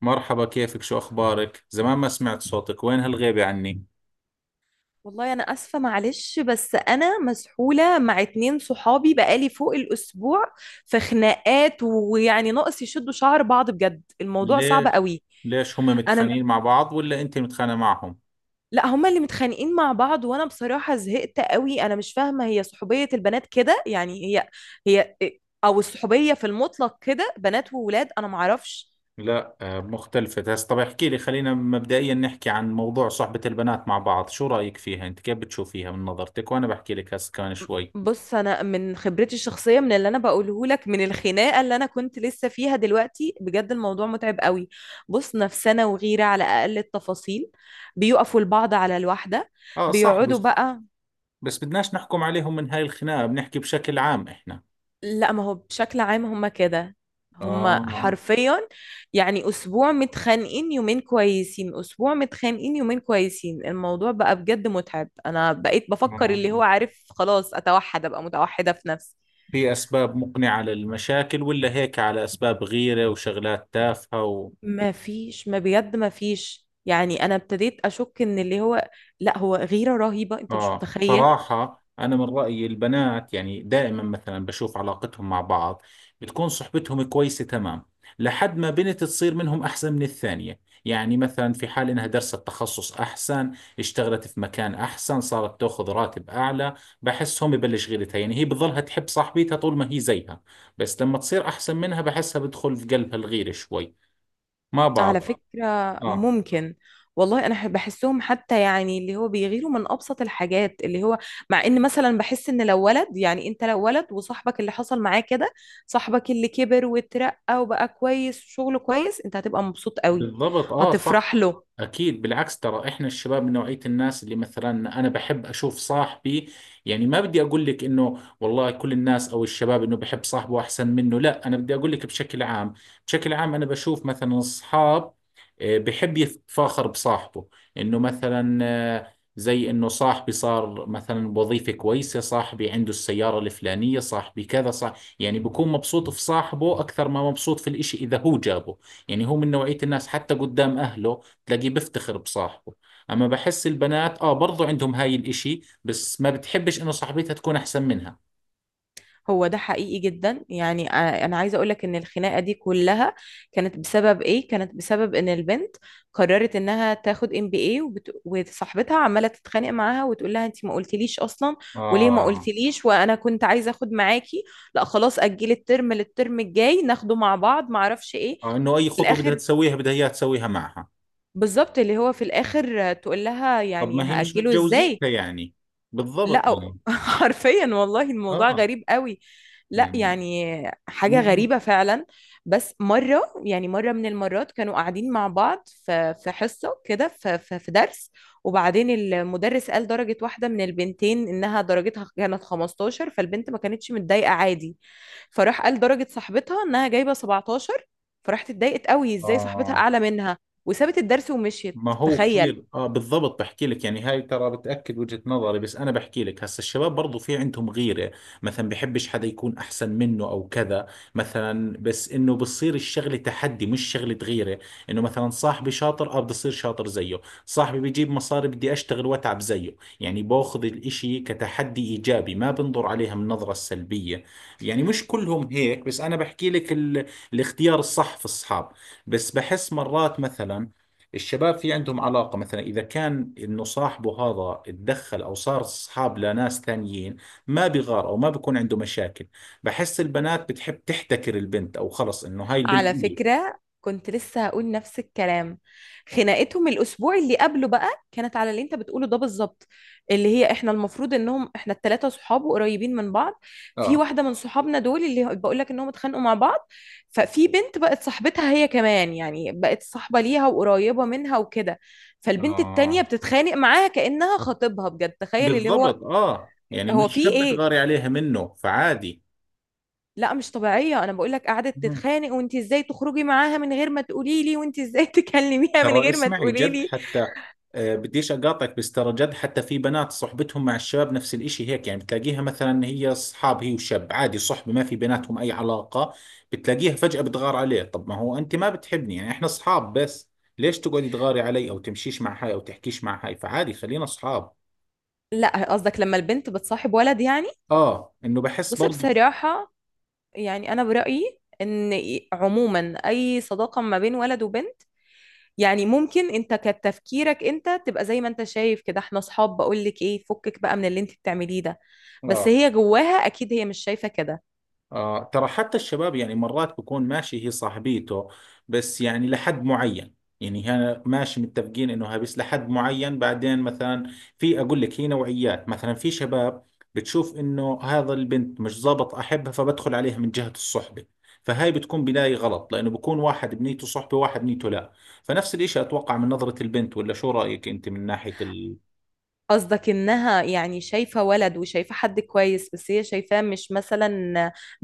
مرحبا كيفك شو أخبارك؟ زمان ما سمعت صوتك وين هالغيبة عني؟ والله انا اسفه، معلش. بس انا مسحوله مع اتنين صحابي بقالي فوق الاسبوع في خناقات، ويعني ناقص يشدوا شعر بعض. بجد الموضوع صعب ليش؟ قوي. ليش هم انا متخانقين مع بعض ولا أنت متخانقة معهم؟ لا هما اللي متخانقين مع بعض، وانا بصراحه زهقت قوي. انا مش فاهمه، هي صحوبيه البنات كده؟ يعني هي او الصحوبيه في المطلق كده، بنات وولاد، انا معرفش. لا آه، مختلفة هسه طب احكي لي خلينا مبدئيا نحكي عن موضوع صحبة البنات مع بعض شو رأيك فيها؟ أنت كيف بتشوفيها من نظرتك؟ وأنا بحكي لك هسه كمان شوي. بص، انا من خبرتي الشخصيه، من اللي انا بقوله لك من الخناقه اللي انا كنت لسه فيها دلوقتي، بجد الموضوع متعب قوي. بص، نفسنا وغيره على اقل التفاصيل. بيقفوا البعض على الواحده، آه صح بيقعدوا بس بقى. بس بدناش نحكم عليهم من هاي الخناقة بنحكي بشكل عام إحنا. لا، ما هو بشكل عام هم كده، هم آه حرفيا يعني اسبوع متخانقين يومين كويسين، اسبوع متخانقين يومين كويسين. الموضوع بقى بجد متعب. انا بقيت بفكر اللي آه هو عارف، خلاص اتوحد ابقى متوحده في نفسي. في أسباب مقنعة للمشاكل ولا هيك على أسباب غيرة وشغلات تافهة؟ ما فيش، ما بجد ما فيش. يعني انا ابتديت اشك ان اللي هو، لا هو غيرة رهيبة انت مش آه متخيل. صراحة أنا من رأيي البنات يعني دائما مثلا بشوف علاقتهم مع بعض بتكون صحبتهم كويسة تمام لحد ما بنت تصير منهم أحسن من الثانية، يعني مثلا في حال إنها درست تخصص أحسن، اشتغلت في مكان أحسن، صارت تأخذ راتب أعلى بحسهم يبلش غيرتها، يعني هي بتظلها تحب صاحبتها طول ما هي زيها، بس لما تصير أحسن منها بحسها بدخل في قلبها الغيرة شوي، ما على بعرف. فكرة آه ممكن. بحسهم حتى، يعني اللي هو بيغيروا من ابسط الحاجات. اللي هو مع ان مثلا بحس ان لو ولد، يعني انت لو ولد وصاحبك اللي حصل معاه كده، صاحبك اللي كبر واترقى وبقى كويس وشغله كويس، انت هتبقى مبسوط قوي، بالضبط اه صح هتفرح له. اكيد بالعكس، ترى احنا الشباب من نوعية الناس اللي مثلا انا بحب اشوف صاحبي، يعني ما بدي اقول لك انه والله كل الناس او الشباب انه بحب صاحبه احسن منه، لا انا بدي اقول لك بشكل عام. بشكل عام انا بشوف مثلا اصحاب، آه، بحب يتفاخر بصاحبه، انه مثلا آه، زي انه صاحبي صار مثلا بوظيفة كويسة، صاحبي عنده السيارة الفلانية، صاحبي كذا صاحبي، يعني بكون مبسوط في صاحبه اكثر ما مبسوط في الاشي اذا هو جابه، يعني هو من نوعية الناس حتى قدام أهله تلاقيه بيفتخر بصاحبه. أما بحس البنات آه برضو عندهم هاي الإشي بس ما بتحبش إنه صاحبتها تكون أحسن منها. هو ده حقيقي جدا. يعني آه، انا عايزه اقولك ان الخناقه دي كلها كانت بسبب ايه؟ كانت بسبب ان البنت قررت انها تاخد ام بي اي، وصاحبتها عماله تتخانق معاها وتقول لها: انت ما قلتليش اصلا، وليه ما اه قلتليش، وانا كنت عايزه اخد معاكي. لا خلاص اجلي الترم للترم الجاي ناخده مع بعض، ما اعرفش ايه. آه إنه أي في خطوة بدها الاخر تسويها بدها إياها تسويها معها. بالظبط اللي هو في الاخر آه، تقول لها طب يعني ما هي مش هاجله ازاي. متجوزيتها يعني، بالضبط لا يعني. حرفيا والله الموضوع آه غريب قوي. لا يعني يعني م- حاجة م. غريبة فعلا. بس مرة، يعني مرة من المرات كانوا قاعدين مع بعض في حصة كده، في درس، وبعدين المدرس قال درجة واحدة من البنتين إنها درجتها كانت 15، فالبنت ما كانتش متضايقة، عادي. فراح قال درجة صاحبتها إنها جايبة 17، فراحت اتضايقت قوي إزاي صاحبتها اه أعلى منها، وسابت الدرس ومشيت، ما هو تخيل. كثير اه بالضبط، بحكي لك يعني هاي ترى بتأكد وجهة نظري، بس انا بحكي لك هسا الشباب برضو في عندهم غيرة، مثلا بحبش حدا يكون احسن منه او كذا مثلا، بس انه بصير الشغلة تحدي مش شغلة غيرة، انه مثلا صاحبي شاطر اه بدي اصير شاطر زيه، صاحبي بيجيب مصاري بدي اشتغل واتعب زيه، يعني باخذ الاشي كتحدي ايجابي، ما بنظر عليها من نظرة سلبية. يعني مش كلهم هيك بس انا بحكي لك الاختيار الصح في الصحاب. بس بحس مرات مثلا الشباب في عندهم علاقة، مثلا إذا كان إنه صاحبه هذا اتدخل أو صار أصحاب لناس ثانيين ما بيغار أو ما بيكون عنده مشاكل، بحس البنات بتحب تحتكر البنت، أو خلص إنه هاي البنت على إلي. فكرة كنت لسه هقول نفس الكلام. خناقتهم الأسبوع اللي قبله بقى كانت على اللي أنت بتقوله ده بالظبط، اللي هي إحنا المفروض إنهم إحنا التلاتة صحاب وقريبين من بعض. في اه واحدة من صحابنا دول اللي بقول لك إنهم اتخانقوا مع بعض، ففي بنت بقت صاحبتها هي كمان، يعني بقت صاحبة ليها وقريبة منها وكده، فالبنت التانية اه بتتخانق معاها كأنها خطيبها، بجد تخيل اللي هو بالضبط، آه يعني هو مش في شاب إيه. تغاري عليها منه فعادي. لا مش طبيعية، أنا بقولك قعدت مم. تتخانق، وأنت إزاي تخرجي معاها من غير ما تقولي لي، وأنت إزاي تكلميها من ترى غير ما اسمعي تقولي جد لي. حتى، آه، بديش اقاطعك، بس ترى جد حتى في بنات صحبتهم مع الشباب نفس الاشي هيك، يعني بتلاقيها مثلا هي اصحاب هي وشاب عادي صحبة ما في بيناتهم اي علاقة، بتلاقيها فجأة بتغار عليه. طب ما هو انت ما بتحبني، يعني احنا اصحاب بس، ليش تقعدي تغاري علي او تمشيش مع هاي او تحكيش مع هاي، فعادي خلينا اصحاب. لا قصدك لما البنت بتصاحب ولد يعني؟ اه انه بحس بصي برضو. بصراحة، يعني أنا برأيي إن عموما أي صداقة ما بين ولد وبنت، يعني ممكن أنت كتفكيرك أنت تبقى زي ما أنت شايف كده، إحنا أصحاب بقولك إيه فكك بقى من اللي أنت بتعمليه ده، بس اه هي جواها أكيد هي مش شايفة كده. آه ترى حتى الشباب يعني مرات بكون ماشي هي صاحبيته بس يعني لحد معين، يعني هنا ماشي متفقين انه هابس لحد معين بعدين مثلا، في اقول لك هي نوعيات مثلا في شباب بتشوف انه هذا البنت مش ظابط احبها فبدخل عليها من جهة الصحبة، فهاي بتكون بداية غلط لانه بكون واحد بنيته صحبة واحد بنيته لا، فنفس الاشي اتوقع من نظرة البنت، ولا شو رأيك انت من ناحية ال... قصدك انها يعني شايفة ولد وشايفة حد كويس، بس هي شايفاه مش مثلا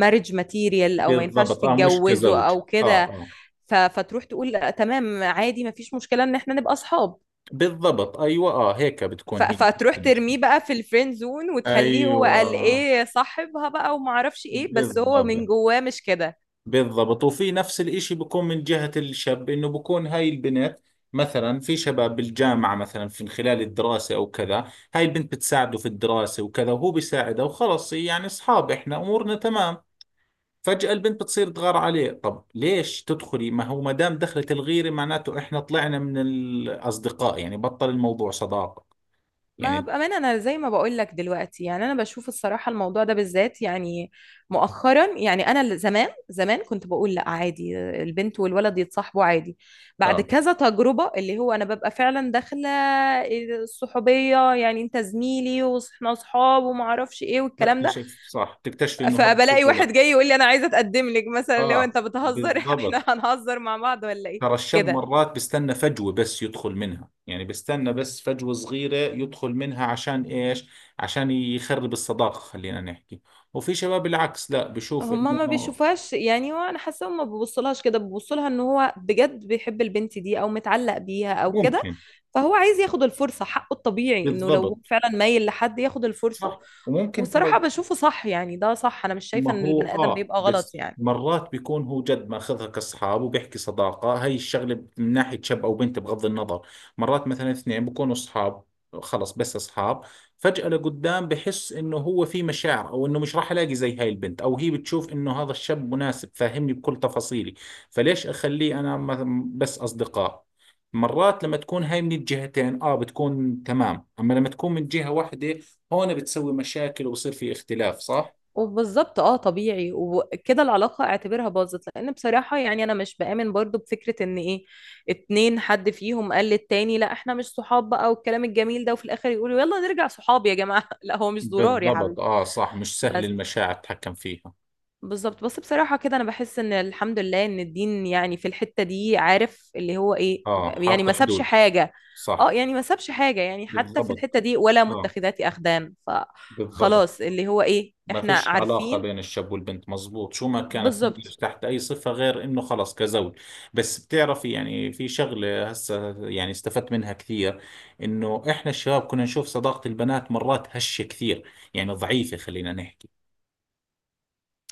marriage material، او ما ينفعش بالضبط اه مش تتجوزه كزوج. او اه كده. اه فتروح تقول لأ، تمام عادي ما فيش مشكلة ان احنا نبقى اصحاب. بالضبط ايوه اه هيك بتكون هي فتروح المشكلة. ترميه بقى في الفريند زون، وتخليه هو قال ايوه ايه صاحبها بقى، وما اعرفش ايه، بالضبط. بس هو من جواه مش كده. بالضبط وفي نفس الاشي بكون من جهة الشاب انه بكون هاي البنت، مثلا في شباب بالجامعة مثلا في خلال الدراسة او كذا، هاي البنت بتساعده في الدراسة وكذا وهو بيساعدها وخلص يعني اصحاب احنا امورنا تمام، فجأة البنت بتصير تغار عليه، طب ليش تدخلي ما هو ما دام دخلت الغيرة معناته احنا طلعنا من الاصدقاء، يعني بطل الموضوع صداقة. ما يعني بأمانة أنا زي ما بقول لك دلوقتي، يعني أنا بشوف الصراحة الموضوع ده بالذات يعني مؤخرا، يعني زمان زمان كنت بقول لا عادي البنت والولد يتصاحبوا عادي. بعد اه كذا تجربة اللي هو أنا ببقى فعلا داخلة الصحوبية، يعني أنت زميلي وإحنا أصحاب وما أعرفش إيه والكلام ده، بكتشف صح تكتشفي انه هذا فبلاقي كله لا. واحد جاي يقول لي أنا عايزة أتقدم لك مثلا، اللي هو اه أنت بتهزر إحنا بالضبط، هنهزر مع بعض ولا إيه ترى الشاب كده. مرات بيستنى فجوة بس يدخل منها، يعني بيستنى بس فجوة صغيرة يدخل منها عشان إيش؟ عشان يخرب الصداقة خلينا نحكي. وفي شباب العكس لا بشوف ما إنه بيشوفهاش، يعني وانا حاسه هما ما بيبصلهاش كده، بيبصلها ان هو بجد بيحب البنت دي او متعلق بيها او كده، ممكن. فهو عايز ياخد الفرصه، حقه الطبيعي انه لو هو بالضبط فعلا مايل لحد ياخد الفرصه. صح وممكن والصراحه ترى. بشوفه صح، يعني ده صح، انا مش ما شايفه ان هو البني ادم اه بيبقى غلط بس يعني. مرات بيكون هو جد ماخذها كاصحاب وبيحكي صداقة، هاي الشغلة من ناحية شاب او بنت بغض النظر، مرات مثلا اثنين بيكونوا اصحاب خلص بس اصحاب، فجأة لقدام بحس انه هو في مشاعر او انه مش راح الاقي زي هاي البنت، او هي بتشوف انه هذا الشاب مناسب فاهمني بكل تفاصيلي، فليش اخليه انا بس اصدقاء. مرات لما تكون هاي من الجهتين اه بتكون تمام، اما لما تكون من جهة واحدة هون بتسوي مشاكل وبصير في اختلاف صح. وبالظبط اه، طبيعي. وكده العلاقه اعتبرها باظت، لان بصراحه يعني انا مش بآمن برضو بفكره ان ايه، اتنين حد فيهم قال للتاني لا احنا مش صحاب بقى والكلام الجميل ده، وفي الاخر يقولوا يلا نرجع صحاب يا جماعه لا هو مش ضرار يا بالضبط حبيبي. اه صح مش سهل بس المشاعر تتحكم فيها. بالظبط. بس بصراحة كده أنا بحس إن الحمد لله إن الدين يعني في الحتة دي عارف اللي هو إيه، اه يعني حاطة ما سابش حدود. حاجة. اه، صح. يعني ما سابش حاجة، يعني حتى في بالضبط الحتة دي ولا اه متخذات أخدان، بالضبط. فخلاص اللي هو إيه ما إحنا فيش علاقة عارفين. بين الشاب والبنت مزبوط شو ما كانت تندرج بالظبط. تحت أي صفة غير إنه خلص كزوج. بس بتعرفي يعني في شغلة هسه يعني استفدت منها كثير، إنه إحنا الشباب كنا نشوف صداقة البنات مرات هشة كثير، يعني ضعيفة خلينا نحكي،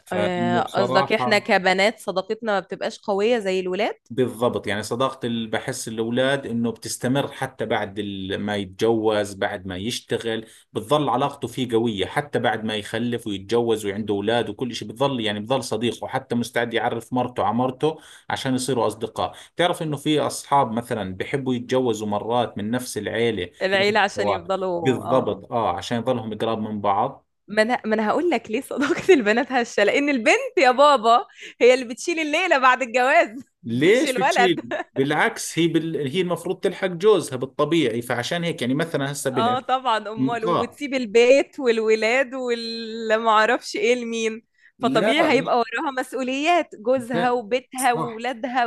فإنه آه، قصدك إحنا بصراحة. كبنات صداقتنا ما بتبقاش قوية زي الولاد. بالضبط، يعني صداقة اللي بحس الأولاد إنه بتستمر حتى بعد ما يتجوز بعد ما يشتغل، بتظل علاقته فيه قوية حتى بعد ما يخلف ويتجوز وعنده أولاد وكل شيء بتظل، يعني بظل صديقه حتى مستعد يعرف مرته على مرته عشان يصيروا أصدقاء، تعرف إنه في أصحاب مثلا بحبوا يتجوزوا مرات من نفس العيلة ياخذوا العيلة عشان الزواج. يفضلوا اه. بالضبط آه عشان يظلهم قراب من بعض. ما انا هقول لك ليه صداقة البنات هشة. لأن البنت يا بابا هي اللي بتشيل الليلة بعد الجواز مش ليش الولد. بتشيل؟ بالعكس هي بال... هي المفروض تلحق جوزها بالطبيعي فعشان هيك يعني مثلا هسه اه بنت. طبعا، امال، م- اه وتسيب البيت والولاد والمعرفش ايه لمين؟ لا فطبيعي هيبقى مش وراها مسؤوليات جوزها لا وبيتها صح. وولادها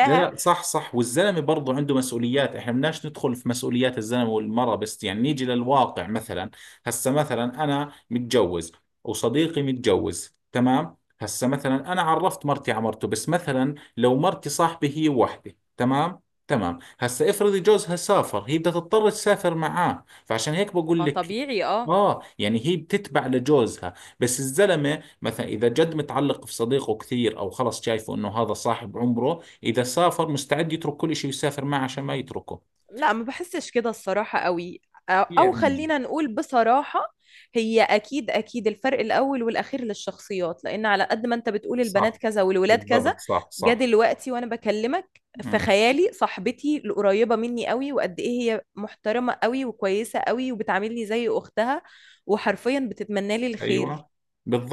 لا لا صح صح، والزلمه برضه عنده مسؤوليات احنا بدناش ندخل في مسؤوليات الزلمه والمراه، بس يعني نيجي للواقع مثلا هسه مثلا انا متجوز وصديقي متجوز تمام، هسه مثلا انا عرفت مرتي على مرته، بس مثلا لو مرتي صاحبي هي وحده تمام تمام، هسه افرضي جوزها سافر هي بدها تضطر تسافر معاه، فعشان هيك بقول ما لك طبيعي اه. اه يعني هي بتتبع لجوزها، بس الزلمه مثلا اذا جد متعلق في صديقه كثير او خلص شايفه انه هذا صاحب عمره، إذا سافر مستعد يترك كل شيء ويسافر معه عشان ما يتركه لا ما بحسش كده الصراحة قوي. أو أو يعني. خلينا نقول بصراحة هي أكيد أكيد الفرق الأول والأخير للشخصيات، لأن على قد ما أنت بتقول البنات صح كذا والولاد كذا، بالضبط صح جا صح. دلوقتي وأنا بكلمك في امم. خيالي صاحبتي القريبة مني قوي، وقد إيه هي محترمة قوي وكويسة قوي وبتعاملني زي أختها، وحرفيا بتتمنى لي الخير. أيوة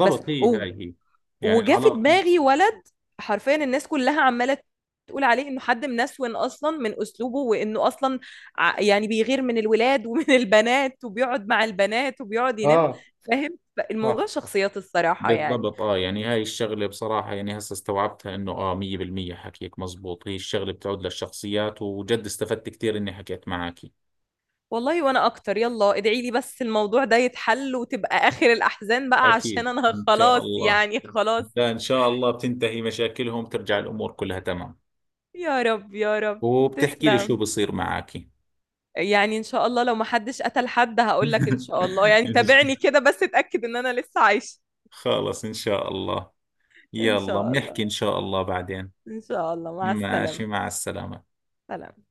بس هي و- هاي هي، يعني وجا في العلاقة. دماغي ولد حرفيا الناس كلها عماله تقول عليه انه حد منسون اصلا من اسلوبه، وانه اصلا يعني بيغير من الولاد ومن البنات، وبيقعد مع البنات وبيقعد ينام، اه فاهم؟ صح. الموضوع شخصيات الصراحه يعني. بالضبط اه، يعني هاي الشغلة بصراحة يعني هسه استوعبتها انه اه 100% حكيك مزبوط، هي الشغلة بتعود للشخصيات وجد استفدت كثير اني حكيت معك. والله وانا اكتر. يلا ادعي لي بس الموضوع ده يتحل وتبقى اخر الاحزان بقى، عشان اكيد انا ان شاء خلاص الله. يعني خلاص. لا ان شاء الله بتنتهي مشاكلهم ترجع الامور كلها تمام. يا رب يا رب. وبتحكي لي شو تسلم. بصير معك. يعني ان شاء الله لو ما حدش قتل حد هقول لك ان شاء الله، يعني تابعني كده بس اتاكد ان انا لسه عايشه. خلص إن شاء الله. إن يلا شاء بنحكي إن الله. شاء الله بعدين. إن شاء الله مع ماشي السلامة. مع السلامة. سلام.